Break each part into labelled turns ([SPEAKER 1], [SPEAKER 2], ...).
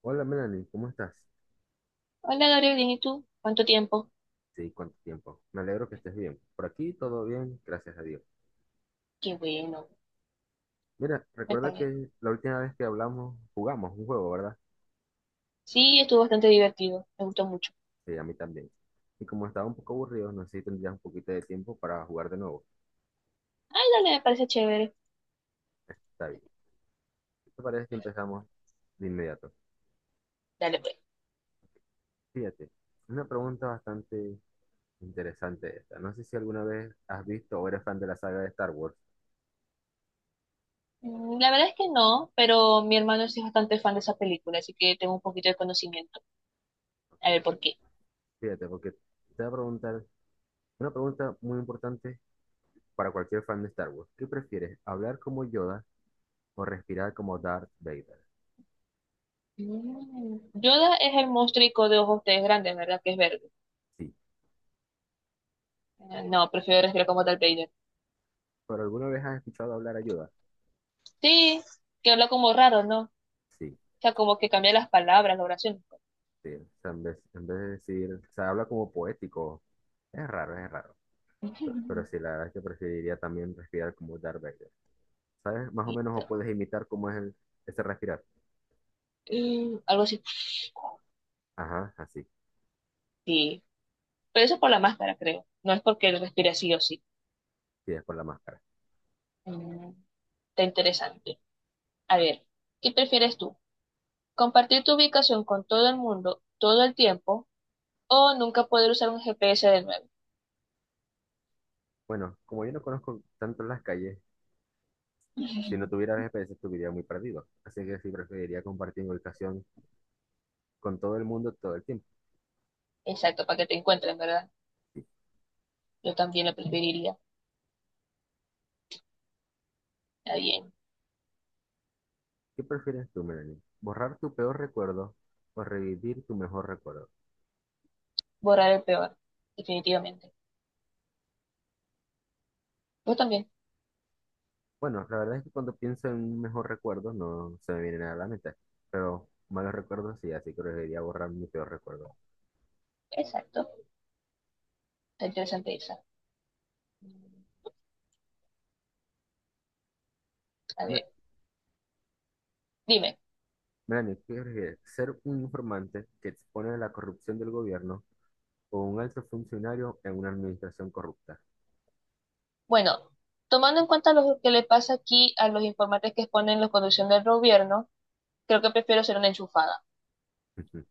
[SPEAKER 1] Hola Melanie, ¿cómo estás?
[SPEAKER 2] Hola Gabriel, bien, ¿y tú? ¿Cuánto tiempo?
[SPEAKER 1] Sí, cuánto tiempo. Me alegro que estés bien. Por aquí todo bien, gracias a Dios.
[SPEAKER 2] Qué bueno.
[SPEAKER 1] Mira, recuerda
[SPEAKER 2] Cuéntame.
[SPEAKER 1] que la última vez que hablamos jugamos un juego, ¿verdad?
[SPEAKER 2] Sí, estuvo bastante divertido, me gustó mucho.
[SPEAKER 1] Sí, a mí también. Y como estaba un poco aburrido, no sé si tendrías un poquito de tiempo para jugar de nuevo.
[SPEAKER 2] Ay, dale, me parece chévere.
[SPEAKER 1] Está bien. ¿Qué ¿Te parece si empezamos de inmediato?
[SPEAKER 2] Dale, pues.
[SPEAKER 1] Fíjate, una pregunta bastante interesante esta. No sé si alguna vez has visto o eres fan de la saga de Star Wars.
[SPEAKER 2] La verdad es que no, pero mi hermano sí es bastante fan de esa película, así que tengo un poquito de conocimiento. A ver, ¿por qué?
[SPEAKER 1] Fíjate, porque te voy a preguntar una pregunta muy importante para cualquier fan de Star Wars. ¿Qué prefieres, hablar como Yoda o respirar como Darth Vader?
[SPEAKER 2] Yoda es el monstruico de ojos de grandes, ¿verdad? Que es verde.
[SPEAKER 1] Sí.
[SPEAKER 2] No, prefiero respirar como Darth Vader.
[SPEAKER 1] ¿Pero alguna vez has escuchado hablar a Yoda?
[SPEAKER 2] Sí, que habla como raro, ¿no? O
[SPEAKER 1] Sí,
[SPEAKER 2] sea, como que cambia las palabras, la oración.
[SPEAKER 1] sí. O sea, en vez de decir, o sea, habla como poético. Es raro, es raro. Pero sí, la verdad es que preferiría también respirar como Darth Vader. ¿Sabes? Más o menos o
[SPEAKER 2] Listo.
[SPEAKER 1] puedes imitar cómo es ese respirar.
[SPEAKER 2] Algo así.
[SPEAKER 1] Ajá, así.
[SPEAKER 2] Sí. Pero eso es por la máscara, creo. No es porque él respire sí o sí.
[SPEAKER 1] Sí, es por la máscara.
[SPEAKER 2] Mm, está interesante. A ver, ¿qué prefieres tú? ¿Compartir tu ubicación con todo el mundo todo el tiempo o nunca poder usar un GPS de nuevo?
[SPEAKER 1] Bueno, como yo no conozco tanto las calles, si no tuviera GPS estuviera muy perdido. Así que sí preferiría compartir mi ubicación con todo el mundo todo el tiempo.
[SPEAKER 2] Exacto, para que te encuentren, ¿verdad?
[SPEAKER 1] Sí.
[SPEAKER 2] Yo también lo preferiría. Está bien.
[SPEAKER 1] ¿Qué prefieres tú, Melanie? ¿Borrar tu peor recuerdo o revivir tu mejor recuerdo?
[SPEAKER 2] Borrar el peor, definitivamente. Vos también.
[SPEAKER 1] Bueno, la verdad es que cuando pienso en un mejor recuerdo no se me viene nada a la mente, pero malos recuerdos sí, así que preferiría borrar mi peor recuerdo.
[SPEAKER 2] Exacto. Está interesante esa. Mm, A
[SPEAKER 1] Me-
[SPEAKER 2] ver, dime.
[SPEAKER 1] Melanie, ¿qué prefieres? ¿Ser un informante que expone a la corrupción del gobierno o un alto funcionario en una administración corrupta?
[SPEAKER 2] Bueno, tomando en cuenta lo que le pasa aquí a los informantes que exponen la conducción del gobierno, creo que prefiero ser una enchufada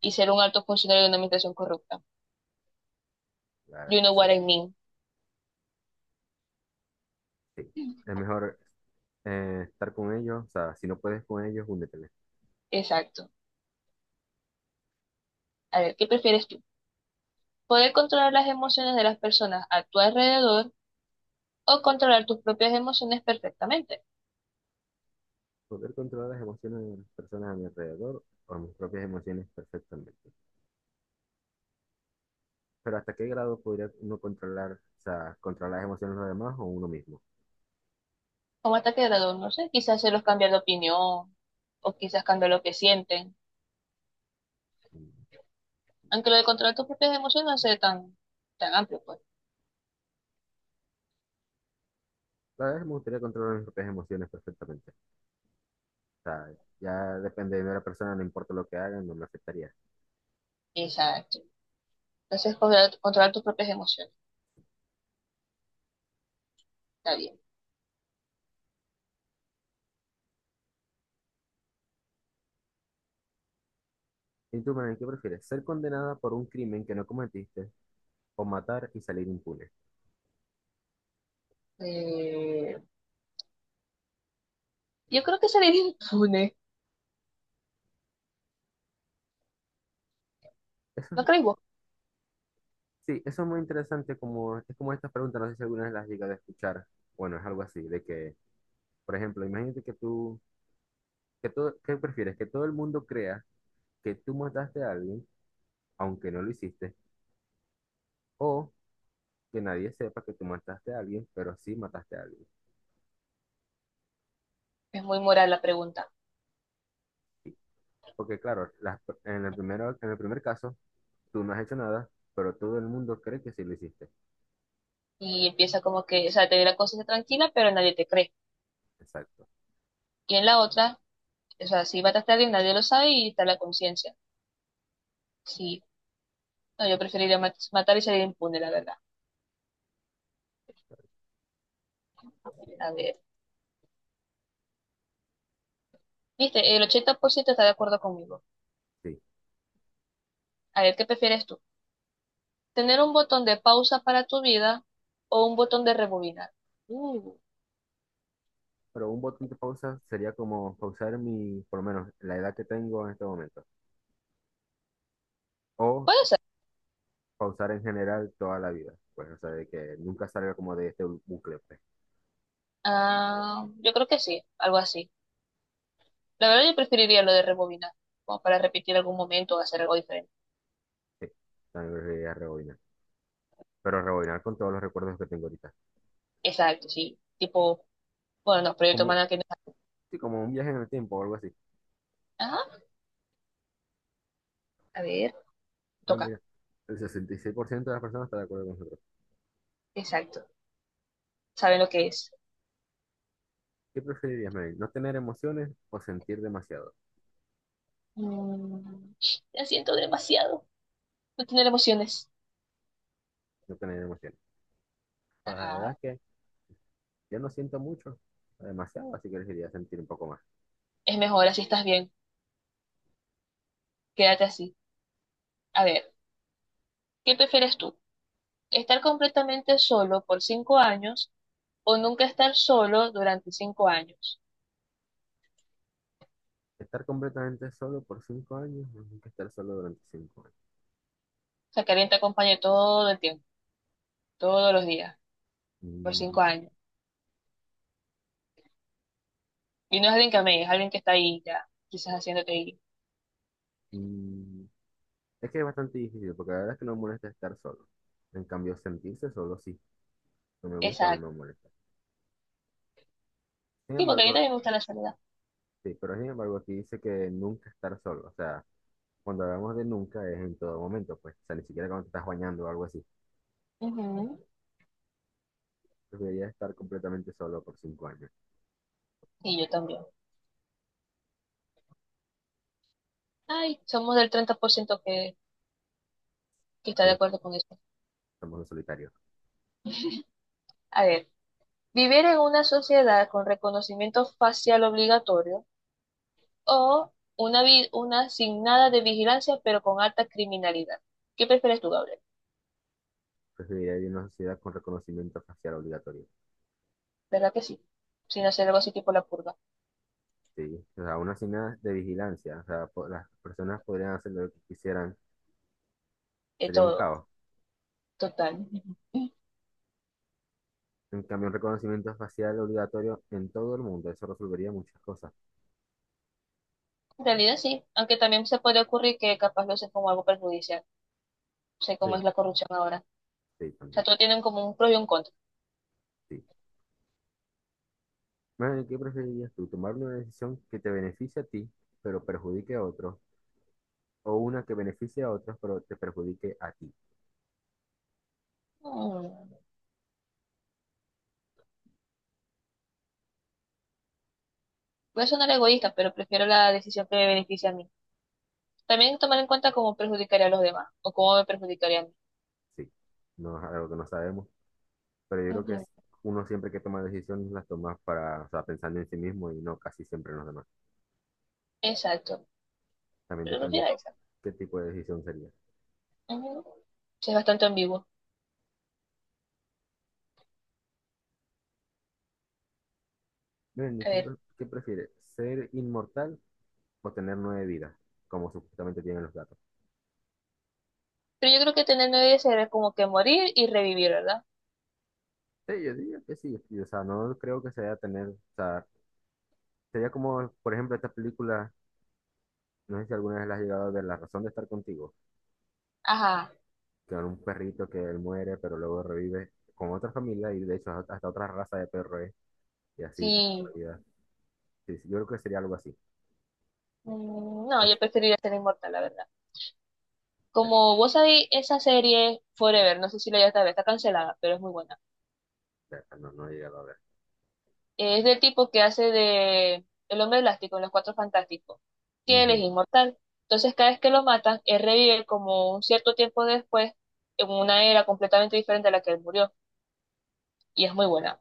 [SPEAKER 2] y ser un alto funcionario de una administración corrupta.
[SPEAKER 1] La verdad es
[SPEAKER 2] You
[SPEAKER 1] que
[SPEAKER 2] know what
[SPEAKER 1] sí,
[SPEAKER 2] I mean.
[SPEAKER 1] sí. Es mejor estar con ellos, o sea, si no puedes con ellos, únete.
[SPEAKER 2] Exacto. A ver, ¿qué prefieres tú? ¿Poder controlar las emociones de las personas a tu alrededor o controlar tus propias emociones perfectamente?
[SPEAKER 1] Poder controlar las emociones de las personas a mi alrededor o mis propias emociones perfectamente. Pero ¿hasta qué grado podría uno controlar, o sea, controlar las emociones de los demás o uno mismo?
[SPEAKER 2] Como hasta qué grado, no sé, quizás hacerlos cambiar de opinión o quizás cambiar lo que sienten.
[SPEAKER 1] Mm.
[SPEAKER 2] Aunque lo de controlar tus propias emociones no sea tan, tan amplio, pues.
[SPEAKER 1] La verdad es que me gustaría controlar mis propias emociones perfectamente. O sea, ya depende de la persona, no importa lo que hagan, no me afectaría.
[SPEAKER 2] Exacto. Entonces, controlar tus propias emociones. Está bien.
[SPEAKER 1] ¿Y tú, Manuel, qué prefieres? ¿Ser condenada por un crimen que no cometiste o matar y salir impune?
[SPEAKER 2] Eh, yo creo que sería impune. ¿No crees vos?
[SPEAKER 1] Sí, eso es muy interesante, como, es como estas preguntas, no sé si alguna vez las has llegado a escuchar. Bueno, es algo así, de que, por ejemplo, imagínate que tú ¿qué prefieres? ¿Que todo el mundo crea que tú mataste a alguien, aunque no lo hiciste? ¿O que nadie sepa que tú mataste a alguien, pero sí mataste a alguien?
[SPEAKER 2] Es muy moral la pregunta.
[SPEAKER 1] Porque claro, las per- en el primero, en el primer caso, tú no has hecho nada, pero todo el mundo cree que sí lo hiciste.
[SPEAKER 2] Y empieza como que, o sea, te ve la cosa tranquila, pero nadie te cree.
[SPEAKER 1] Exacto,
[SPEAKER 2] Y en la otra, o sea, si mataste a alguien, nadie lo sabe y está la conciencia. Sí, no, yo preferiría matar y salir impune, la verdad. A ver, viste, el 80% está de acuerdo conmigo.
[SPEAKER 1] sí.
[SPEAKER 2] A ver, ¿qué prefieres tú? ¿Tener un botón de pausa para tu vida o un botón de rebobinar? Mm,
[SPEAKER 1] Pero un botón de pausa sería como pausar mi, por lo menos, la edad que tengo en este momento. O
[SPEAKER 2] puede ser.
[SPEAKER 1] pausar en general toda la vida. Pues, o sea, de que nunca salga como de este bucle, pues.
[SPEAKER 2] Ah, yo creo que sí, algo así. La verdad, yo preferiría lo de rebobinar, como para repetir algún momento o hacer algo diferente.
[SPEAKER 1] Sí, también preferiría rebobinar. Pero rebobinar con todos los recuerdos que tengo ahorita.
[SPEAKER 2] Exacto, sí. Tipo, bueno, no, proyecto
[SPEAKER 1] Como,
[SPEAKER 2] humano que no.
[SPEAKER 1] sí, como un viaje en el tiempo o algo así.
[SPEAKER 2] Ajá, a ver,
[SPEAKER 1] Bueno,
[SPEAKER 2] toca.
[SPEAKER 1] mira, el 66% de las personas está de acuerdo con nosotros.
[SPEAKER 2] Exacto. Saben lo que es.
[SPEAKER 1] ¿Qué preferirías, Mary? ¿No tener emociones o sentir demasiado?
[SPEAKER 2] Mm, la siento demasiado. No tener emociones.
[SPEAKER 1] No tener emociones. Pues la verdad
[SPEAKER 2] Ajá.
[SPEAKER 1] es que yo no siento mucho, demasiado, así que elegiría sentir un poco más.
[SPEAKER 2] Es mejor así, estás bien. Quédate así. A ver, ¿qué prefieres tú? ¿Estar completamente solo por 5 años o nunca estar solo durante 5 años?
[SPEAKER 1] Estar completamente solo por 5 años o nunca estar solo durante 5 años.
[SPEAKER 2] O sea, que alguien te acompañe todo el tiempo, todos los días, por
[SPEAKER 1] Mm,
[SPEAKER 2] 5 años. Y no es alguien que amé, es alguien que está ahí ya, quizás haciéndote ir.
[SPEAKER 1] mm, Es que es bastante difícil, porque la verdad es que no me molesta estar solo. En cambio, sentirse solo sí, no me gusta o
[SPEAKER 2] Exacto.
[SPEAKER 1] no me molesta. Sin
[SPEAKER 2] Sí, porque a mí
[SPEAKER 1] embargo,
[SPEAKER 2] también me gusta la soledad.
[SPEAKER 1] sí, pero sin embargo aquí dice que nunca estar solo, o sea, cuando hablamos de nunca es en todo momento, pues, o sea, ni siquiera cuando te estás bañando o algo así.
[SPEAKER 2] Ujú.
[SPEAKER 1] Preferiría estar completamente solo por 5 años.
[SPEAKER 2] Y yo también. Ay, somos del 30% que está de
[SPEAKER 1] Sí,
[SPEAKER 2] acuerdo con eso.
[SPEAKER 1] somos los solitarios.
[SPEAKER 2] A ver, vivir en una sociedad con reconocimiento facial obligatorio o una, una sin nada de vigilancia pero con alta criminalidad. ¿Qué prefieres tú, Gabriel?
[SPEAKER 1] Preferiría vivir en una sociedad con reconocimiento facial obligatorio.
[SPEAKER 2] ¿Verdad que sí? Sin
[SPEAKER 1] Sí,
[SPEAKER 2] hacer algo así tipo la purga.
[SPEAKER 1] sí. O sea, una nada de vigilancia. O sea, las personas podrían hacer lo que quisieran.
[SPEAKER 2] De
[SPEAKER 1] Sería un
[SPEAKER 2] todo,
[SPEAKER 1] caos.
[SPEAKER 2] total. En
[SPEAKER 1] En cambio, un reconocimiento facial obligatorio en todo el mundo. Eso resolvería muchas cosas.
[SPEAKER 2] realidad sí, aunque también se puede ocurrir que capaz lo hacen como algo perjudicial. No sé cómo
[SPEAKER 1] Sí,
[SPEAKER 2] es la corrupción ahora.
[SPEAKER 1] sí,
[SPEAKER 2] O sea,
[SPEAKER 1] también.
[SPEAKER 2] todos tienen como un pro y un contra.
[SPEAKER 1] Sí. Bueno, ¿qué preferirías tú? ¿Tomar una decisión que te beneficie a ti, pero perjudique a otros, o una que beneficie a otros, pero te perjudique a ti?
[SPEAKER 2] Mm. Voy a sonar egoísta, pero prefiero la decisión que me beneficia a mí. También tomar en cuenta cómo perjudicaría a los demás o cómo me perjudicaría a mí.
[SPEAKER 1] Sí, no es algo que no sabemos, pero yo creo que
[SPEAKER 2] Ujú,
[SPEAKER 1] es uno siempre que toma decisiones las toma para, o sea, pensando en sí mismo y no casi siempre en los demás.
[SPEAKER 2] exacto.
[SPEAKER 1] También
[SPEAKER 2] Pero no
[SPEAKER 1] depende
[SPEAKER 2] sería esa.
[SPEAKER 1] qué tipo de decisión sería.
[SPEAKER 2] Ujú. Sí, es bastante ambiguo.
[SPEAKER 1] Miren,
[SPEAKER 2] A
[SPEAKER 1] ¿qué,
[SPEAKER 2] ver.
[SPEAKER 1] pre- qué prefieres? ¿Ser inmortal o tener nueve vidas, como supuestamente tienen los gatos?
[SPEAKER 2] Pero yo creo que tener nueve vidas sería como que morir y revivir, ¿verdad?
[SPEAKER 1] Sí, yo diría que sí, y, o sea, no creo que sea tener, o sea, sería como, por ejemplo, esta película, no sé si alguna vez la has llegado a ver, La razón de estar contigo.
[SPEAKER 2] Ajá.
[SPEAKER 1] Con un perrito que él muere, pero luego revive con otra familia y de hecho hasta otra raza de perro es, y así, tipo, en
[SPEAKER 2] Sí.
[SPEAKER 1] realidad. Sí, sí, yo creo que sería algo así.
[SPEAKER 2] No,
[SPEAKER 1] O
[SPEAKER 2] yo preferiría ser inmortal, la verdad.
[SPEAKER 1] sea,
[SPEAKER 2] Como vos sabéis, esa serie Forever, no sé si la ya está, está cancelada, pero es muy buena.
[SPEAKER 1] ya, no, no he llegado a ver.
[SPEAKER 2] Es del tipo que hace de el hombre elástico en los Cuatro Fantásticos, que él es
[SPEAKER 1] Ujú.
[SPEAKER 2] inmortal. Entonces, cada vez que lo matan, él revive como un cierto tiempo después en una era completamente diferente a la que él murió. Y es muy buena.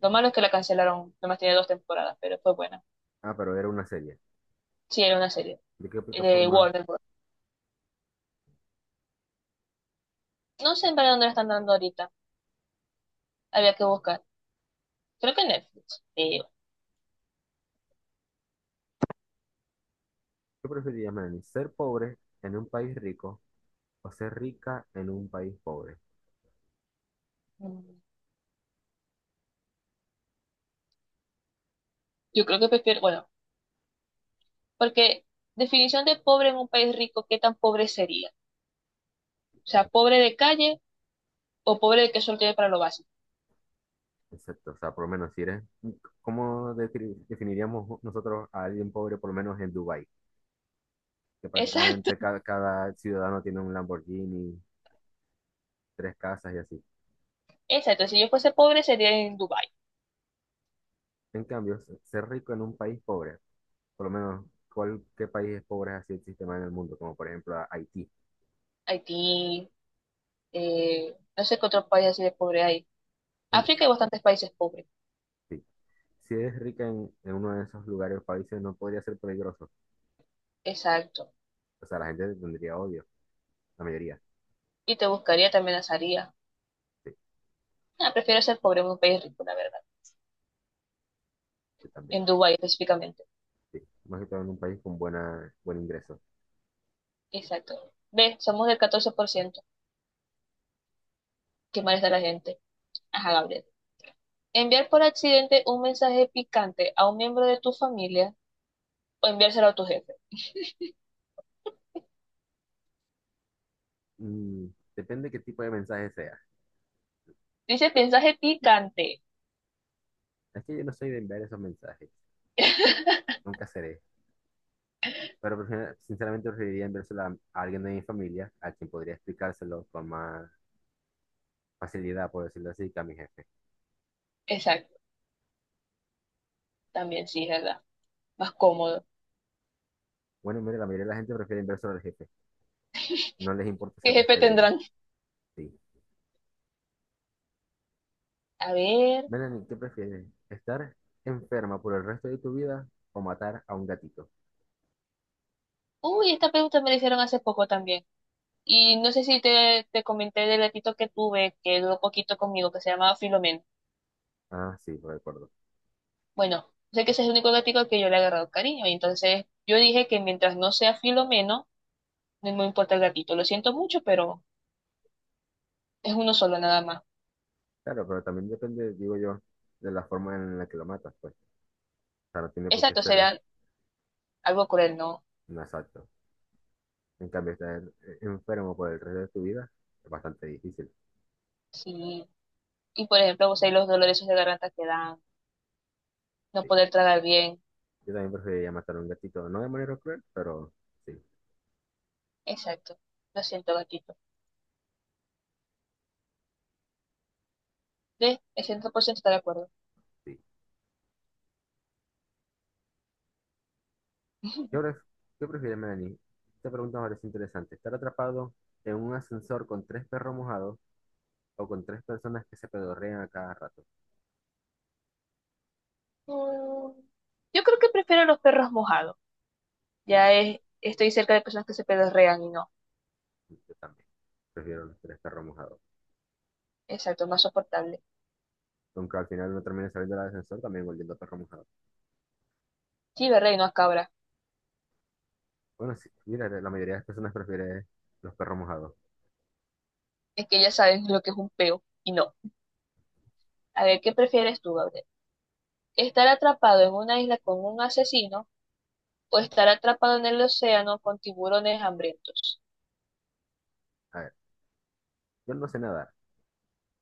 [SPEAKER 2] Lo malo es que la cancelaron, nomás tiene dos temporadas, pero fue buena.
[SPEAKER 1] Ah, pero era una serie.
[SPEAKER 2] Sí, era una serie
[SPEAKER 1] ¿De qué
[SPEAKER 2] de
[SPEAKER 1] plataforma?
[SPEAKER 2] Warner Bros. No sé en verdad dónde la están dando ahorita. Había que buscar. Creo que en Netflix.
[SPEAKER 1] ¿Qué preferirías, Melanie? ¿Ser pobre en un país rico o ser rica en un país pobre?
[SPEAKER 2] Mm, Yo creo que prefiero, bueno, porque definición de pobre en un país rico, ¿qué tan pobre sería? O sea,
[SPEAKER 1] Eso-
[SPEAKER 2] pobre de calle o pobre que solo tiene para lo básico.
[SPEAKER 1] Exacto, o sea, por lo menos si eres, ¿cómo definiríamos nosotros a alguien pobre, por lo menos en Dubái? Que
[SPEAKER 2] Exacto,
[SPEAKER 1] prácticamente cada ciudadano tiene un Lamborghini, tres casas y así.
[SPEAKER 2] exacto. Si yo fuese pobre sería en Dubái.
[SPEAKER 1] En cambio, ser rico en un país pobre, por lo menos, ¿cuál, qué país es pobre así el sistema en el mundo? Como por ejemplo Haití.
[SPEAKER 2] Haití, no sé qué otros países así de pobre hay.
[SPEAKER 1] Bueno,
[SPEAKER 2] África hay bastantes países pobres.
[SPEAKER 1] sí. Si eres rica en, uno de esos lugares o países, no podría ser peligroso.
[SPEAKER 2] Exacto.
[SPEAKER 1] O sea, la gente te tendría odio, la mayoría.
[SPEAKER 2] Y te buscaría, te amenazaría.
[SPEAKER 1] Sí,
[SPEAKER 2] Ah, prefiero ser pobre en un país rico, la verdad.
[SPEAKER 1] yo también.
[SPEAKER 2] En Dubái específicamente.
[SPEAKER 1] Sí. Más que todo en un país con buen ingreso.
[SPEAKER 2] Exacto. Ve, somos del 14%. Qué mal está la gente. Ajá, Gabriel. Enviar por accidente un mensaje picante a un miembro de tu familia o enviárselo a tu jefe.
[SPEAKER 1] Mm, depende qué tipo de mensaje sea.
[SPEAKER 2] Dice mensaje picante.
[SPEAKER 1] Es que yo no soy de enviar esos mensajes. Nunca seré. Pero sinceramente preferiría enviárselo a, alguien de mi familia, a quien podría explicárselo con más facilidad, por decirlo así, que a mi jefe.
[SPEAKER 2] Exacto. También sí, es verdad. Más cómodo.
[SPEAKER 1] Bueno, mire, la mayoría de la gente prefiere inverso al jefe. No les importa
[SPEAKER 2] ¿Qué
[SPEAKER 1] ser
[SPEAKER 2] jefe
[SPEAKER 1] despedido.
[SPEAKER 2] tendrán?
[SPEAKER 1] Sí.
[SPEAKER 2] A ver.
[SPEAKER 1] Melanie, ¿qué prefieres? ¿Estar enferma por el resto de tu vida o matar a un gatito?
[SPEAKER 2] Uy, esta pregunta me la hicieron hace poco también. Y no sé si te comenté del gatito que tuve, que duró poquito conmigo, que se llamaba Filomeno.
[SPEAKER 1] Ah, sí, lo recuerdo.
[SPEAKER 2] Bueno, sé que ese es el único gatito al que yo le he agarrado cariño. Y entonces yo dije que mientras no sea Filomeno, no me importa el gatito. Lo siento mucho, pero es uno solo nada más.
[SPEAKER 1] Claro, pero también depende, digo yo, de la forma en la que lo matas, pues. O sea, no tiene por qué
[SPEAKER 2] Exacto, sería
[SPEAKER 1] ser
[SPEAKER 2] algo cruel, ¿no?
[SPEAKER 1] un asalto. En cambio, estar enfermo por el resto de tu vida es bastante difícil.
[SPEAKER 2] Sí. Y por ejemplo, vos sabés los dolores esos de garganta que dan, no
[SPEAKER 1] Sí.
[SPEAKER 2] poder tragar bien.
[SPEAKER 1] Yo también preferiría matar a un gatito, no de manera cruel, pero sí,
[SPEAKER 2] Exacto. Lo siento, gatito. De, el 100% está de acuerdo.
[SPEAKER 1] sí. ¿Qué, pref- qué prefiere Melanie? Esta pregunta me parece interesante. ¿Estar atrapado en un ascensor con tres perros mojados o con tres personas que se pedorrean a cada rato?
[SPEAKER 2] Mm, Yo creo que prefiero los perros mojados.
[SPEAKER 1] Sí, yo,
[SPEAKER 2] Ya es, estoy cerca de personas que se pedorrean y no.
[SPEAKER 1] yo también. Prefiero los tres perros mojados.
[SPEAKER 2] Exacto, es más soportable.
[SPEAKER 1] Aunque al final no termine saliendo del ascensor, también volviendo a perro mojado.
[SPEAKER 2] Sí, verdad, y no a cabra.
[SPEAKER 1] Bueno, sí, mira, la mayoría de las personas prefiere los perros mojados.
[SPEAKER 2] Es que ya saben lo que es un peo y no. A ver, ¿qué prefieres tú, Gabriel? ¿Estar atrapado en una isla con un asesino o estar atrapado en el océano con tiburones hambrientos?
[SPEAKER 1] A ver, yo no sé nadar,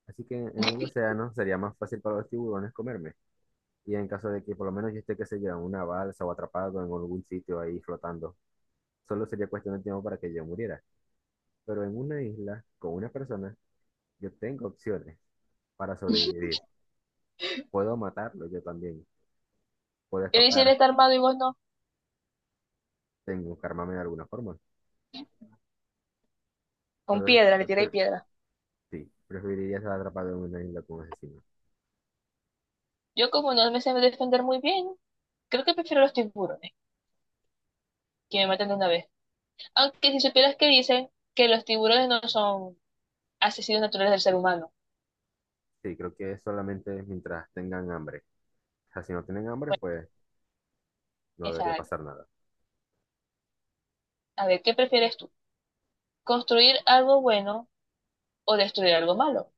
[SPEAKER 1] así que en, el océano sería más fácil para los tiburones comerme. Y en caso de que por lo menos yo esté, qué sé yo, en una balsa o atrapado en algún sitio ahí flotando, solo sería cuestión de tiempo para que yo muriera. Pero en una isla con una persona, yo tengo opciones para sobrevivir. Puedo matarlo yo también. Puedo
[SPEAKER 2] Yo le
[SPEAKER 1] escapar.
[SPEAKER 2] está armado y vos no.
[SPEAKER 1] Tengo que armarme de alguna forma.
[SPEAKER 2] Con
[SPEAKER 1] Pero,
[SPEAKER 2] piedra, le
[SPEAKER 1] pero-
[SPEAKER 2] tiré
[SPEAKER 1] pero-
[SPEAKER 2] piedra.
[SPEAKER 1] sí, preferiría estar atrapado en una isla con un asesino.
[SPEAKER 2] Yo como no me sé defender muy bien, creo que prefiero los tiburones, que me matan de una vez. Aunque si supieras que dicen que los tiburones no son asesinos naturales del ser humano.
[SPEAKER 1] Sí, creo que es solamente mientras tengan hambre. O sea, si no tienen hambre,
[SPEAKER 2] Bueno,
[SPEAKER 1] pues no debería
[SPEAKER 2] esa-
[SPEAKER 1] pasar nada.
[SPEAKER 2] a ver, ¿qué prefieres tú? ¿Construir algo bueno o destruir algo malo?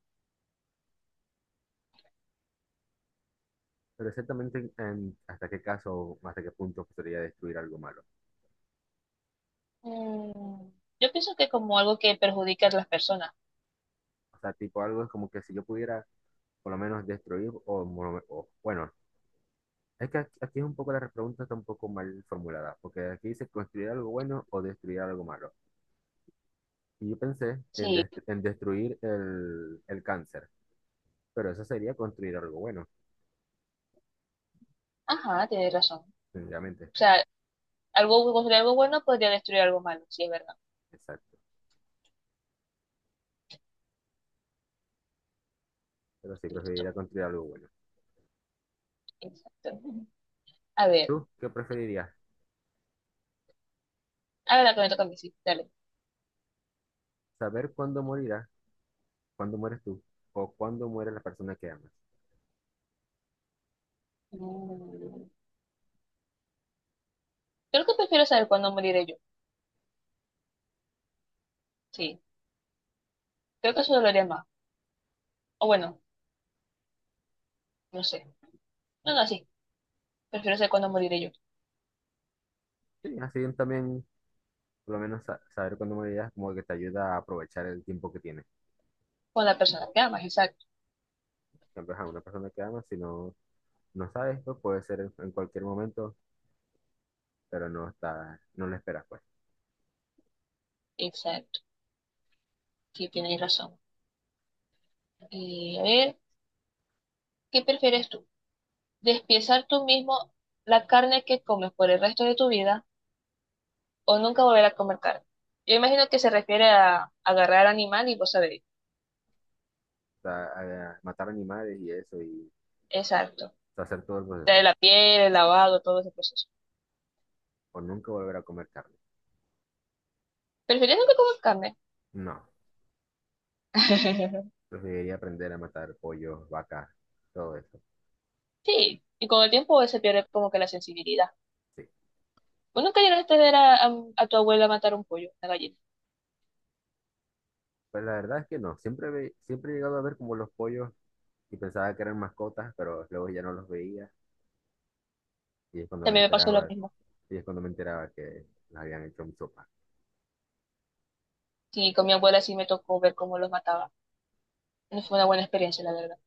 [SPEAKER 1] Pero exactamente hasta qué caso, hasta qué punto podría destruir algo malo.
[SPEAKER 2] Mm, yo pienso que como algo que perjudica a las personas.
[SPEAKER 1] O sea, tipo algo es como que si yo pudiera por lo menos destruir o, bueno. Es que aquí es un poco la pregunta está un poco mal formulada, porque aquí dice construir algo bueno o destruir algo malo. Y yo pensé en,
[SPEAKER 2] Sí,
[SPEAKER 1] en destruir el cáncer, pero eso sería construir algo bueno,
[SPEAKER 2] ajá, tienes razón. O
[SPEAKER 1] sencillamente.
[SPEAKER 2] sea, algo, construir algo bueno podría destruir algo malo, sí, es verdad.
[SPEAKER 1] Exacto. Pero sí
[SPEAKER 2] Listo,
[SPEAKER 1] preferiría construir algo bueno.
[SPEAKER 2] exacto. A ver,
[SPEAKER 1] ¿Tú qué preferirías?
[SPEAKER 2] ahora que me toca a mí, sí, dale.
[SPEAKER 1] ¿Saber cuándo morirás, cuándo mueres tú, o cuándo muere la persona que amas?
[SPEAKER 2] Mm, creo que prefiero saber cuándo moriré yo. Sí, creo que eso dolería más. O bueno, no sé. No, no, sí, prefiero saber cuándo moriré yo.
[SPEAKER 1] Sí, así también, por lo menos saber cuándo morirás como que te ayuda a aprovechar el tiempo que tienes.
[SPEAKER 2] Con la persona
[SPEAKER 1] Bueno,
[SPEAKER 2] que amas, exacto.
[SPEAKER 1] siempre a una persona que amas, si no, no sabes, pues puede ser en cualquier momento pero no está, no lo esperas, pues.
[SPEAKER 2] Exacto. Sí, tienes razón. Y a ver, ¿qué prefieres tú? ¿Despiezar tú mismo la carne que comes por el resto de tu vida o nunca volver a comer carne? Yo imagino que se refiere a agarrar animal y vos sabés.
[SPEAKER 1] O sea, matar animales y eso, y
[SPEAKER 2] Exacto.
[SPEAKER 1] hacer todo el proceso.
[SPEAKER 2] De la piel, el lavado, todo ese proceso.
[SPEAKER 1] O nunca volver a comer carne.
[SPEAKER 2] ¿Prefieres nunca comer carne?
[SPEAKER 1] No, preferiría aprender a matar pollos, vacas, todo eso.
[SPEAKER 2] Sí, y con el tiempo se pierde como que la sensibilidad.
[SPEAKER 1] Sí.
[SPEAKER 2] ¿Vos nunca llegaste a ver a tu abuela matar un pollo, una gallina?
[SPEAKER 1] Pues la verdad es que no. Siempre, siempre he llegado a ver como los pollos y pensaba que eran mascotas, pero luego ya no los veía. Y es cuando me
[SPEAKER 2] También me pasó lo
[SPEAKER 1] enteraba,
[SPEAKER 2] mismo.
[SPEAKER 1] y es cuando me enteraba que las habían hecho en sopa.
[SPEAKER 2] Sí, con mi abuela sí me tocó ver cómo los mataba. No fue una buena experiencia, la verdad.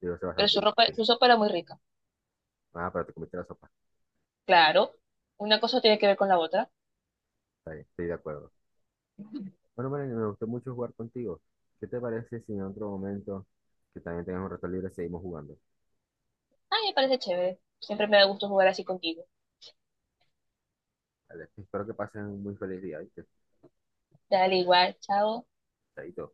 [SPEAKER 1] Digo, eso es
[SPEAKER 2] Pero
[SPEAKER 1] bastante
[SPEAKER 2] su ropa,
[SPEAKER 1] difícil.
[SPEAKER 2] su sopa era muy rica.
[SPEAKER 1] Ah, pero te comiste la sopa.
[SPEAKER 2] Claro, una cosa tiene que ver con la otra.
[SPEAKER 1] Está bien, estoy de acuerdo. Bueno, María, me gustó mucho jugar contigo. ¿Qué te parece si en otro momento que también tengas un rato libre seguimos jugando?
[SPEAKER 2] Ay, me parece chévere. Siempre me da gusto jugar así contigo.
[SPEAKER 1] Vale, espero que pasen un muy feliz día, ¿viste?
[SPEAKER 2] Dale igual, chao.
[SPEAKER 1] Chaito.